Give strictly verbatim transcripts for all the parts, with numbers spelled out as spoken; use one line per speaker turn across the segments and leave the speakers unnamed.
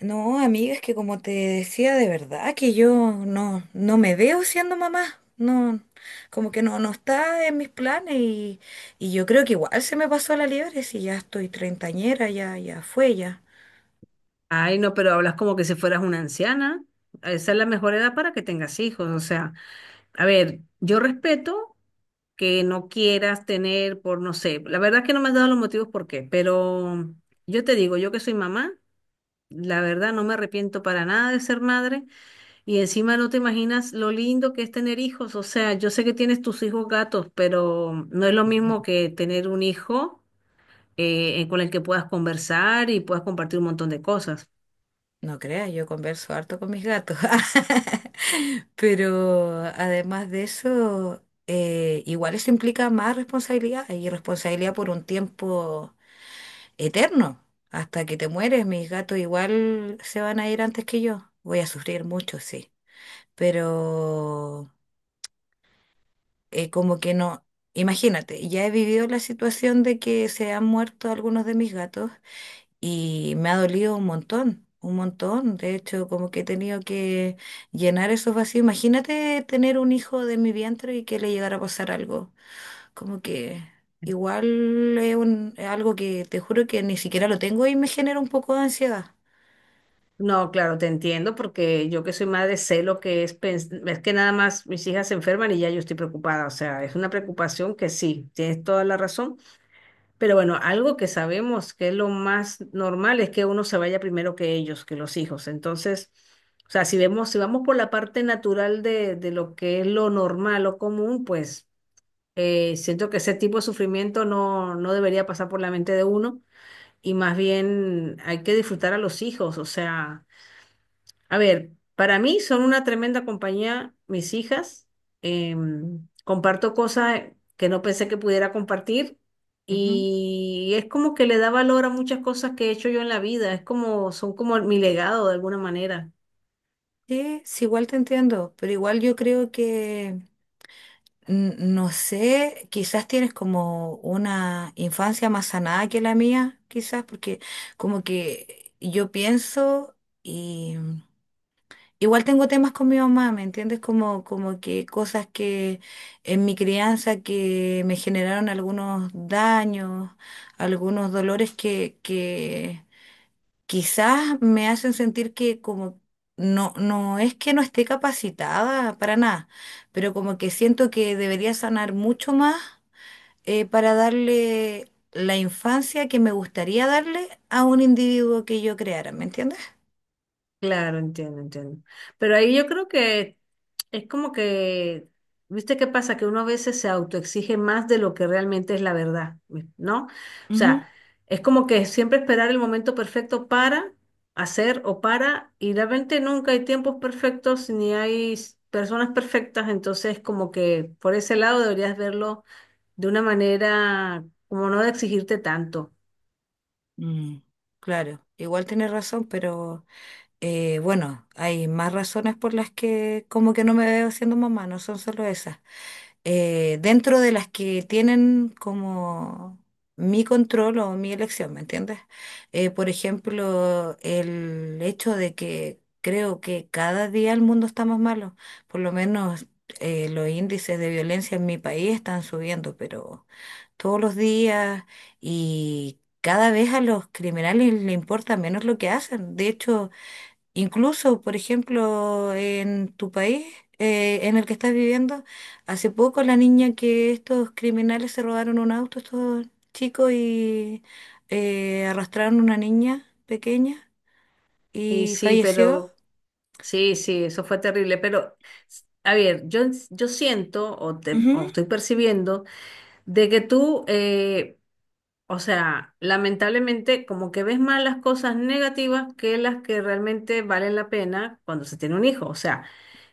No, amiga, es que como te decía, de verdad que yo no, no me veo siendo mamá. No, como que no, no está en mis planes y, y yo creo que igual se me pasó la liebre si ya estoy treintañera, ya, ya fue ya.
Ay, no, pero hablas como que si fueras una anciana. Esa es la mejor edad para que tengas hijos. O sea, a ver, yo respeto que no quieras tener por, no sé, la verdad que no me has dado los motivos por qué, pero yo te digo, yo que soy mamá, la verdad no me arrepiento para nada de ser madre y encima no te imaginas lo lindo que es tener hijos. O sea, yo sé que tienes tus hijos gatos, pero no es lo
Ujú.
mismo que tener un hijo eh, con el que puedas conversar y puedas compartir un montón de cosas.
No creas, yo converso harto con mis gatos. Pero además de eso, eh, igual eso implica más responsabilidad y responsabilidad por un tiempo eterno. Hasta que te mueres, mis gatos igual se van a ir antes que yo. Voy a sufrir mucho, sí. Pero eh, como que no, imagínate, ya he vivido la situación de que se han muerto algunos de mis gatos y me ha dolido un montón, un montón. De hecho, como que he tenido que llenar esos vacíos. Imagínate tener un hijo de mi vientre y que le llegara a pasar algo. Como que... Igual es un, es algo que te juro que ni siquiera lo tengo y me genera un poco de ansiedad.
No, claro, te entiendo porque yo que soy madre sé lo que es, pens- es que nada más mis hijas se enferman y ya yo estoy preocupada, o sea, es una preocupación que sí, tienes toda la razón, pero bueno, algo que sabemos que es lo más normal es que uno se vaya primero que ellos, que los hijos, entonces, o sea, si vemos, si vamos por la parte natural de, de lo que es lo normal o común, pues eh, siento que ese tipo de sufrimiento no, no debería pasar por la mente de uno y más bien hay que disfrutar a los hijos, o sea... A ver, para mí son una tremenda compañía mis hijas. Em, comparto cosas que no pensé que pudiera compartir
Ujú.
y es como que le da valor a muchas cosas que he hecho yo en la vida. Es como, son como mi legado de alguna manera.
Sí, sí, igual te entiendo, pero igual yo creo que, n- no sé, quizás tienes como una infancia más sanada que la mía, quizás, porque como que yo pienso y mm, igual tengo temas con mi mamá, ¿me entiendes? Como, como que cosas que en mi crianza que me generaron algunos daños, algunos dolores que, que quizás me hacen sentir que como no, no es que no esté capacitada para nada, pero como que siento que debería sanar mucho más eh, para darle la infancia que me gustaría darle a un individuo que yo creara, ¿me entiendes?
Claro, entiendo, entiendo. Pero ahí yo creo que es como que, ¿viste qué pasa? Que uno a veces se autoexige más de lo que realmente es la verdad, ¿no? O
Ujú.
sea, es como que siempre esperar el momento perfecto para hacer o para, y realmente nunca hay tiempos perfectos ni hay s- personas perfectas, entonces como que por ese lado deberías verlo de una manera como no de exigirte tanto.
Mm. Claro, igual tienes razón, pero eh, bueno, hay más razones por las que como que no me veo siendo mamá, no son solo esas. eh, dentro de las que tienen como mi control o mi elección, ¿me entiendes? Eh, por ejemplo, el hecho de que creo que cada día el mundo está más malo, por lo menos eh, los índices de violencia en mi país están subiendo, pero todos los días y... Cada vez a los criminales les importa menos lo que hacen. De hecho, incluso, por ejemplo, en tu país, eh, en el que estás viviendo, hace poco la niña que estos criminales se robaron un auto, estos chicos, y eh, arrastraron una niña pequeña
Y
y
sí,
falleció.
pero... Sí, sí, eso fue terrible, pero a ver, yo, yo siento o, te- o
Ujú.
estoy percibiendo de que tú eh, o sea, lamentablemente como que ves más las cosas negativas que las que realmente valen la pena cuando se tiene un hijo. O sea,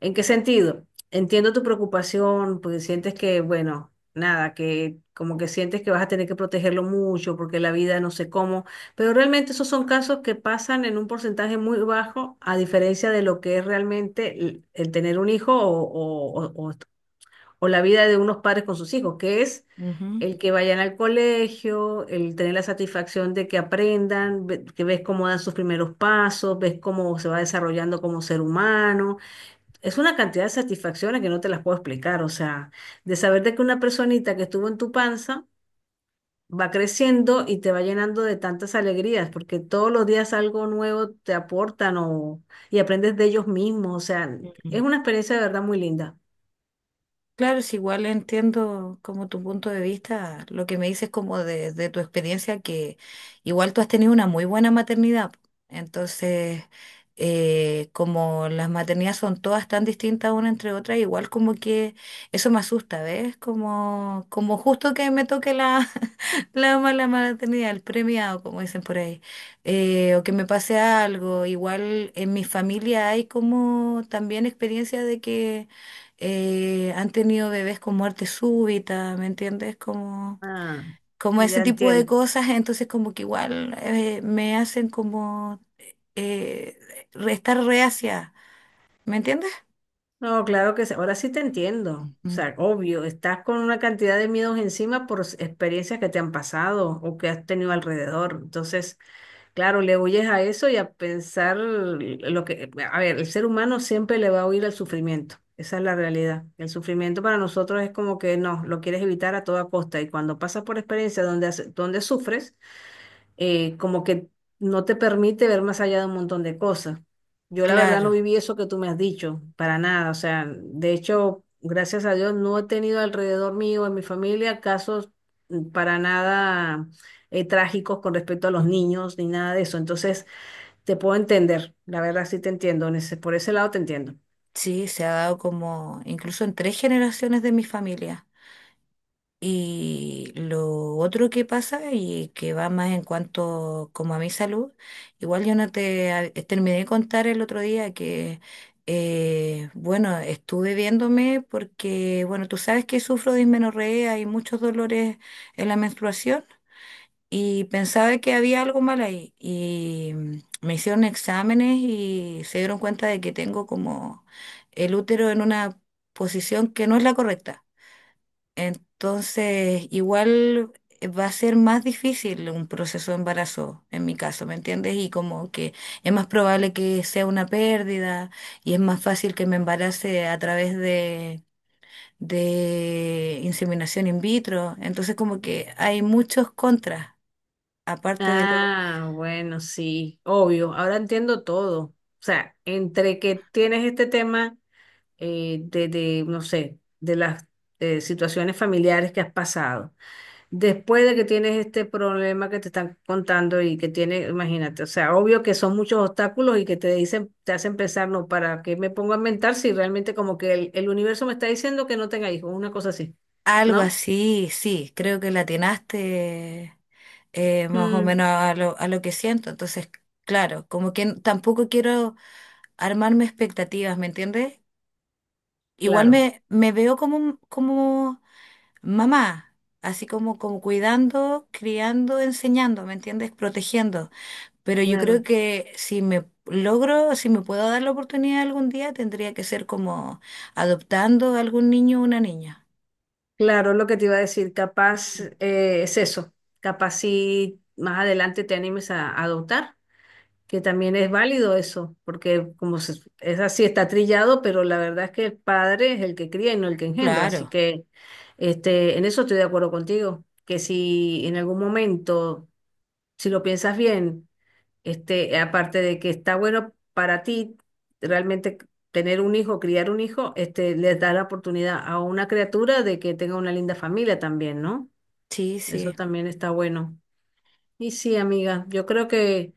¿en qué sentido? Entiendo tu preocupación, porque sientes que, bueno, nada, que como que sientes que vas a tener que protegerlo mucho porque la vida no sé cómo, pero realmente esos son casos que pasan en un porcentaje muy bajo a diferencia de lo que es realmente el, el tener un hijo o, o o- o- o la vida de unos padres con sus hijos, que es el que vayan al colegio, el tener la satisfacción de que aprendan, ve- que ves cómo dan sus primeros pasos, ves cómo se va desarrollando como ser humano. Es una cantidad de satisfacciones que no te las puedo explicar, o sea, de saber de que una personita que estuvo en tu panza va creciendo y te va llenando de tantas alegrías, porque todos los días algo nuevo te aportan o, y aprendes de ellos mismos, o sea, es
Ujú.
una experiencia de verdad muy linda.
Claro, es igual entiendo como tu punto de vista, lo que me dices como de, de tu experiencia, que igual tú has tenido una muy buena maternidad. Entonces, eh, como las maternidades son todas tan distintas una entre otras igual como que eso me asusta, ¿ves? Como, como justo que me toque la, la mala maternidad, el premiado, como dicen por ahí, eh, o que me pase algo. Igual en mi familia hay como también experiencia de que eh, han tenido bebés con muerte súbita, ¿me entiendes? Como,
Ah,
como ese
ya
tipo de
entiendo.
cosas, entonces como que igual eh, me hacen como eh, re- estar reacia, ¿me entiendes?
No, claro que sí. Ahora sí te entiendo. O
Ujú.
sea, obvio, estás con una cantidad de miedos encima por s- experiencias que te han pasado o que has tenido alrededor. Entonces, claro, le huyes a eso y a pensar lo que... A ver, el ser humano siempre le va a huir al sufrimiento. Esa es la realidad. El sufrimiento para nosotros es como que no, lo quieres evitar a toda costa. Y cuando pasas por experiencias donde, has- donde sufres, eh, como que no te permite ver más allá de un montón de cosas. Yo la verdad
Claro.
no viví eso que tú me has dicho, para nada. O sea, de hecho, gracias a Dios, no he tenido alrededor mío, en mi familia, casos mm, para nada eh, trágicos con respecto a los
Mm.
niños ni nada de eso. Entonces, te puedo entender, la verdad sí te entiendo, en ese- por ese lado te entiendo.
Sí, se ha dado como incluso en tres generaciones de mi familia. Y lo otro que pasa y que va más en cuanto como a mi salud, igual yo no te a- eh, terminé de contar el otro día que, eh, bueno, estuve viéndome porque, bueno, tú sabes que sufro de dismenorrea y muchos dolores en la menstruación y pensaba que había algo mal ahí y mm, me hicieron exámenes y se dieron cuenta de que tengo como el útero en una posición que no es la correcta. Entonces, igual va a ser más difícil un proceso de embarazo, en mi caso, ¿me entiendes? Y como que es más probable que sea una pérdida y es más fácil que me embarace a través de, de inseminación in vitro. Entonces, como que hay muchos contras, aparte de lo...
Ah, bueno, sí, obvio, ahora entiendo todo. O sea, entre que tienes este tema eh, de, de, no sé, de las eh, situaciones familiares que has pasado. Después de que tienes este problema que te están contando y que tiene, imagínate, o sea, obvio que son muchos obstáculos y que te dicen, te hacen pensar, no, ¿para qué me pongo a inventar si realmente como que el, el universo me está diciendo que no tenga hijos, una cosa así,
Algo
¿no?
así, sí, creo que la atinaste eh, más o
Mm,
menos a lo, a lo que siento. Entonces, claro, como que n- tampoco quiero armarme expectativas, ¿me entiendes? Igual
claro,
me, me veo como, como mamá, así como, como cuidando, criando, enseñando, ¿me entiendes? Protegiendo. Pero yo
claro,
creo que si me logro, si me puedo dar la oportunidad algún día, tendría que ser como adoptando a algún niño o una niña.
claro, lo que te iba a decir, capaz
Sí.
eh, es eso, capaz si más adelante te animes a a adoptar. Que también es válido eso, porque como se- es así, está trillado, pero la verdad es que el padre es el que cría y no el que engendra. Así
Claro,
que este, en eso estoy de acuerdo contigo, que si en algún momento, si lo piensas bien, este, aparte de que está bueno para ti realmente tener un hijo, criar un hijo, este, les da la oportunidad a una criatura de que tenga una linda familia también, ¿no?
sí,
Eso
sí,
también está bueno. Y sí, amiga, yo creo que...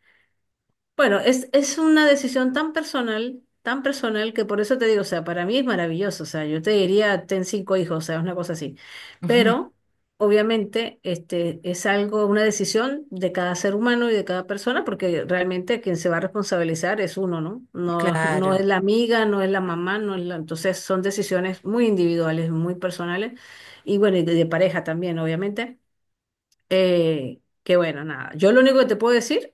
Bueno, es, es una decisión tan personal, tan personal, que por eso te digo, o sea, para mí es maravilloso, o sea, yo te diría, ten cinco hijos, o sea, es una cosa así.
ujú,
Pero, obviamente, este, es algo, una decisión de cada ser humano y de cada persona, porque realmente quien se va a responsabilizar es uno, ¿no? No, no es
claro.
la amiga, no es la mamá, no es la... Entonces, son decisiones muy individuales, muy personales, y bueno, y de de pareja también, obviamente. Eh, que bueno, nada. Yo lo único que te puedo decir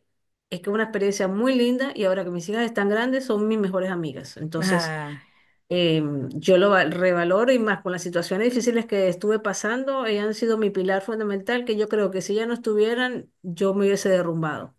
es que es una experiencia muy linda y ahora que mis hijas están grandes son mis mejores amigas. Entonces,
Ah.
eh, yo lo val- revaloro y más con las situaciones difíciles que estuve pasando, ellas han sido mi pilar fundamental que yo creo que si ya no estuvieran, yo me hubiese derrumbado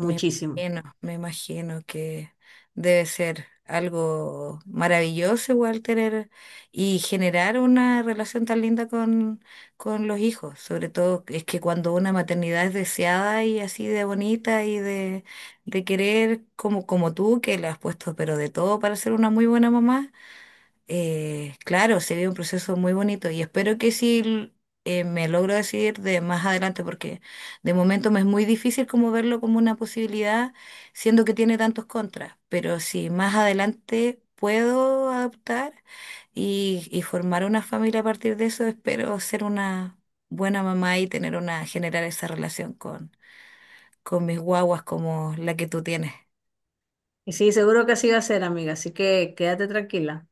Me imagino, me imagino que debe ser algo maravilloso igual tener y generar una relación tan linda con, con los hijos. Sobre todo es que cuando una maternidad es deseada y así de bonita y de, de querer como, como tú, que le has puesto pero de todo para ser una muy buena mamá. Eh, claro, sería un proceso muy bonito y espero que sí eh, me logro decidir de más adelante porque de momento me es muy difícil como verlo como una posibilidad, siendo que tiene tantos contras, pero si más adelante puedo adoptar y, y formar una familia a partir de eso, espero ser una buena mamá y tener una, generar esa relación con, con mis guaguas como la que tú tienes.
Y sí, seguro que así va a ser, amiga. Así que quédate tranquila.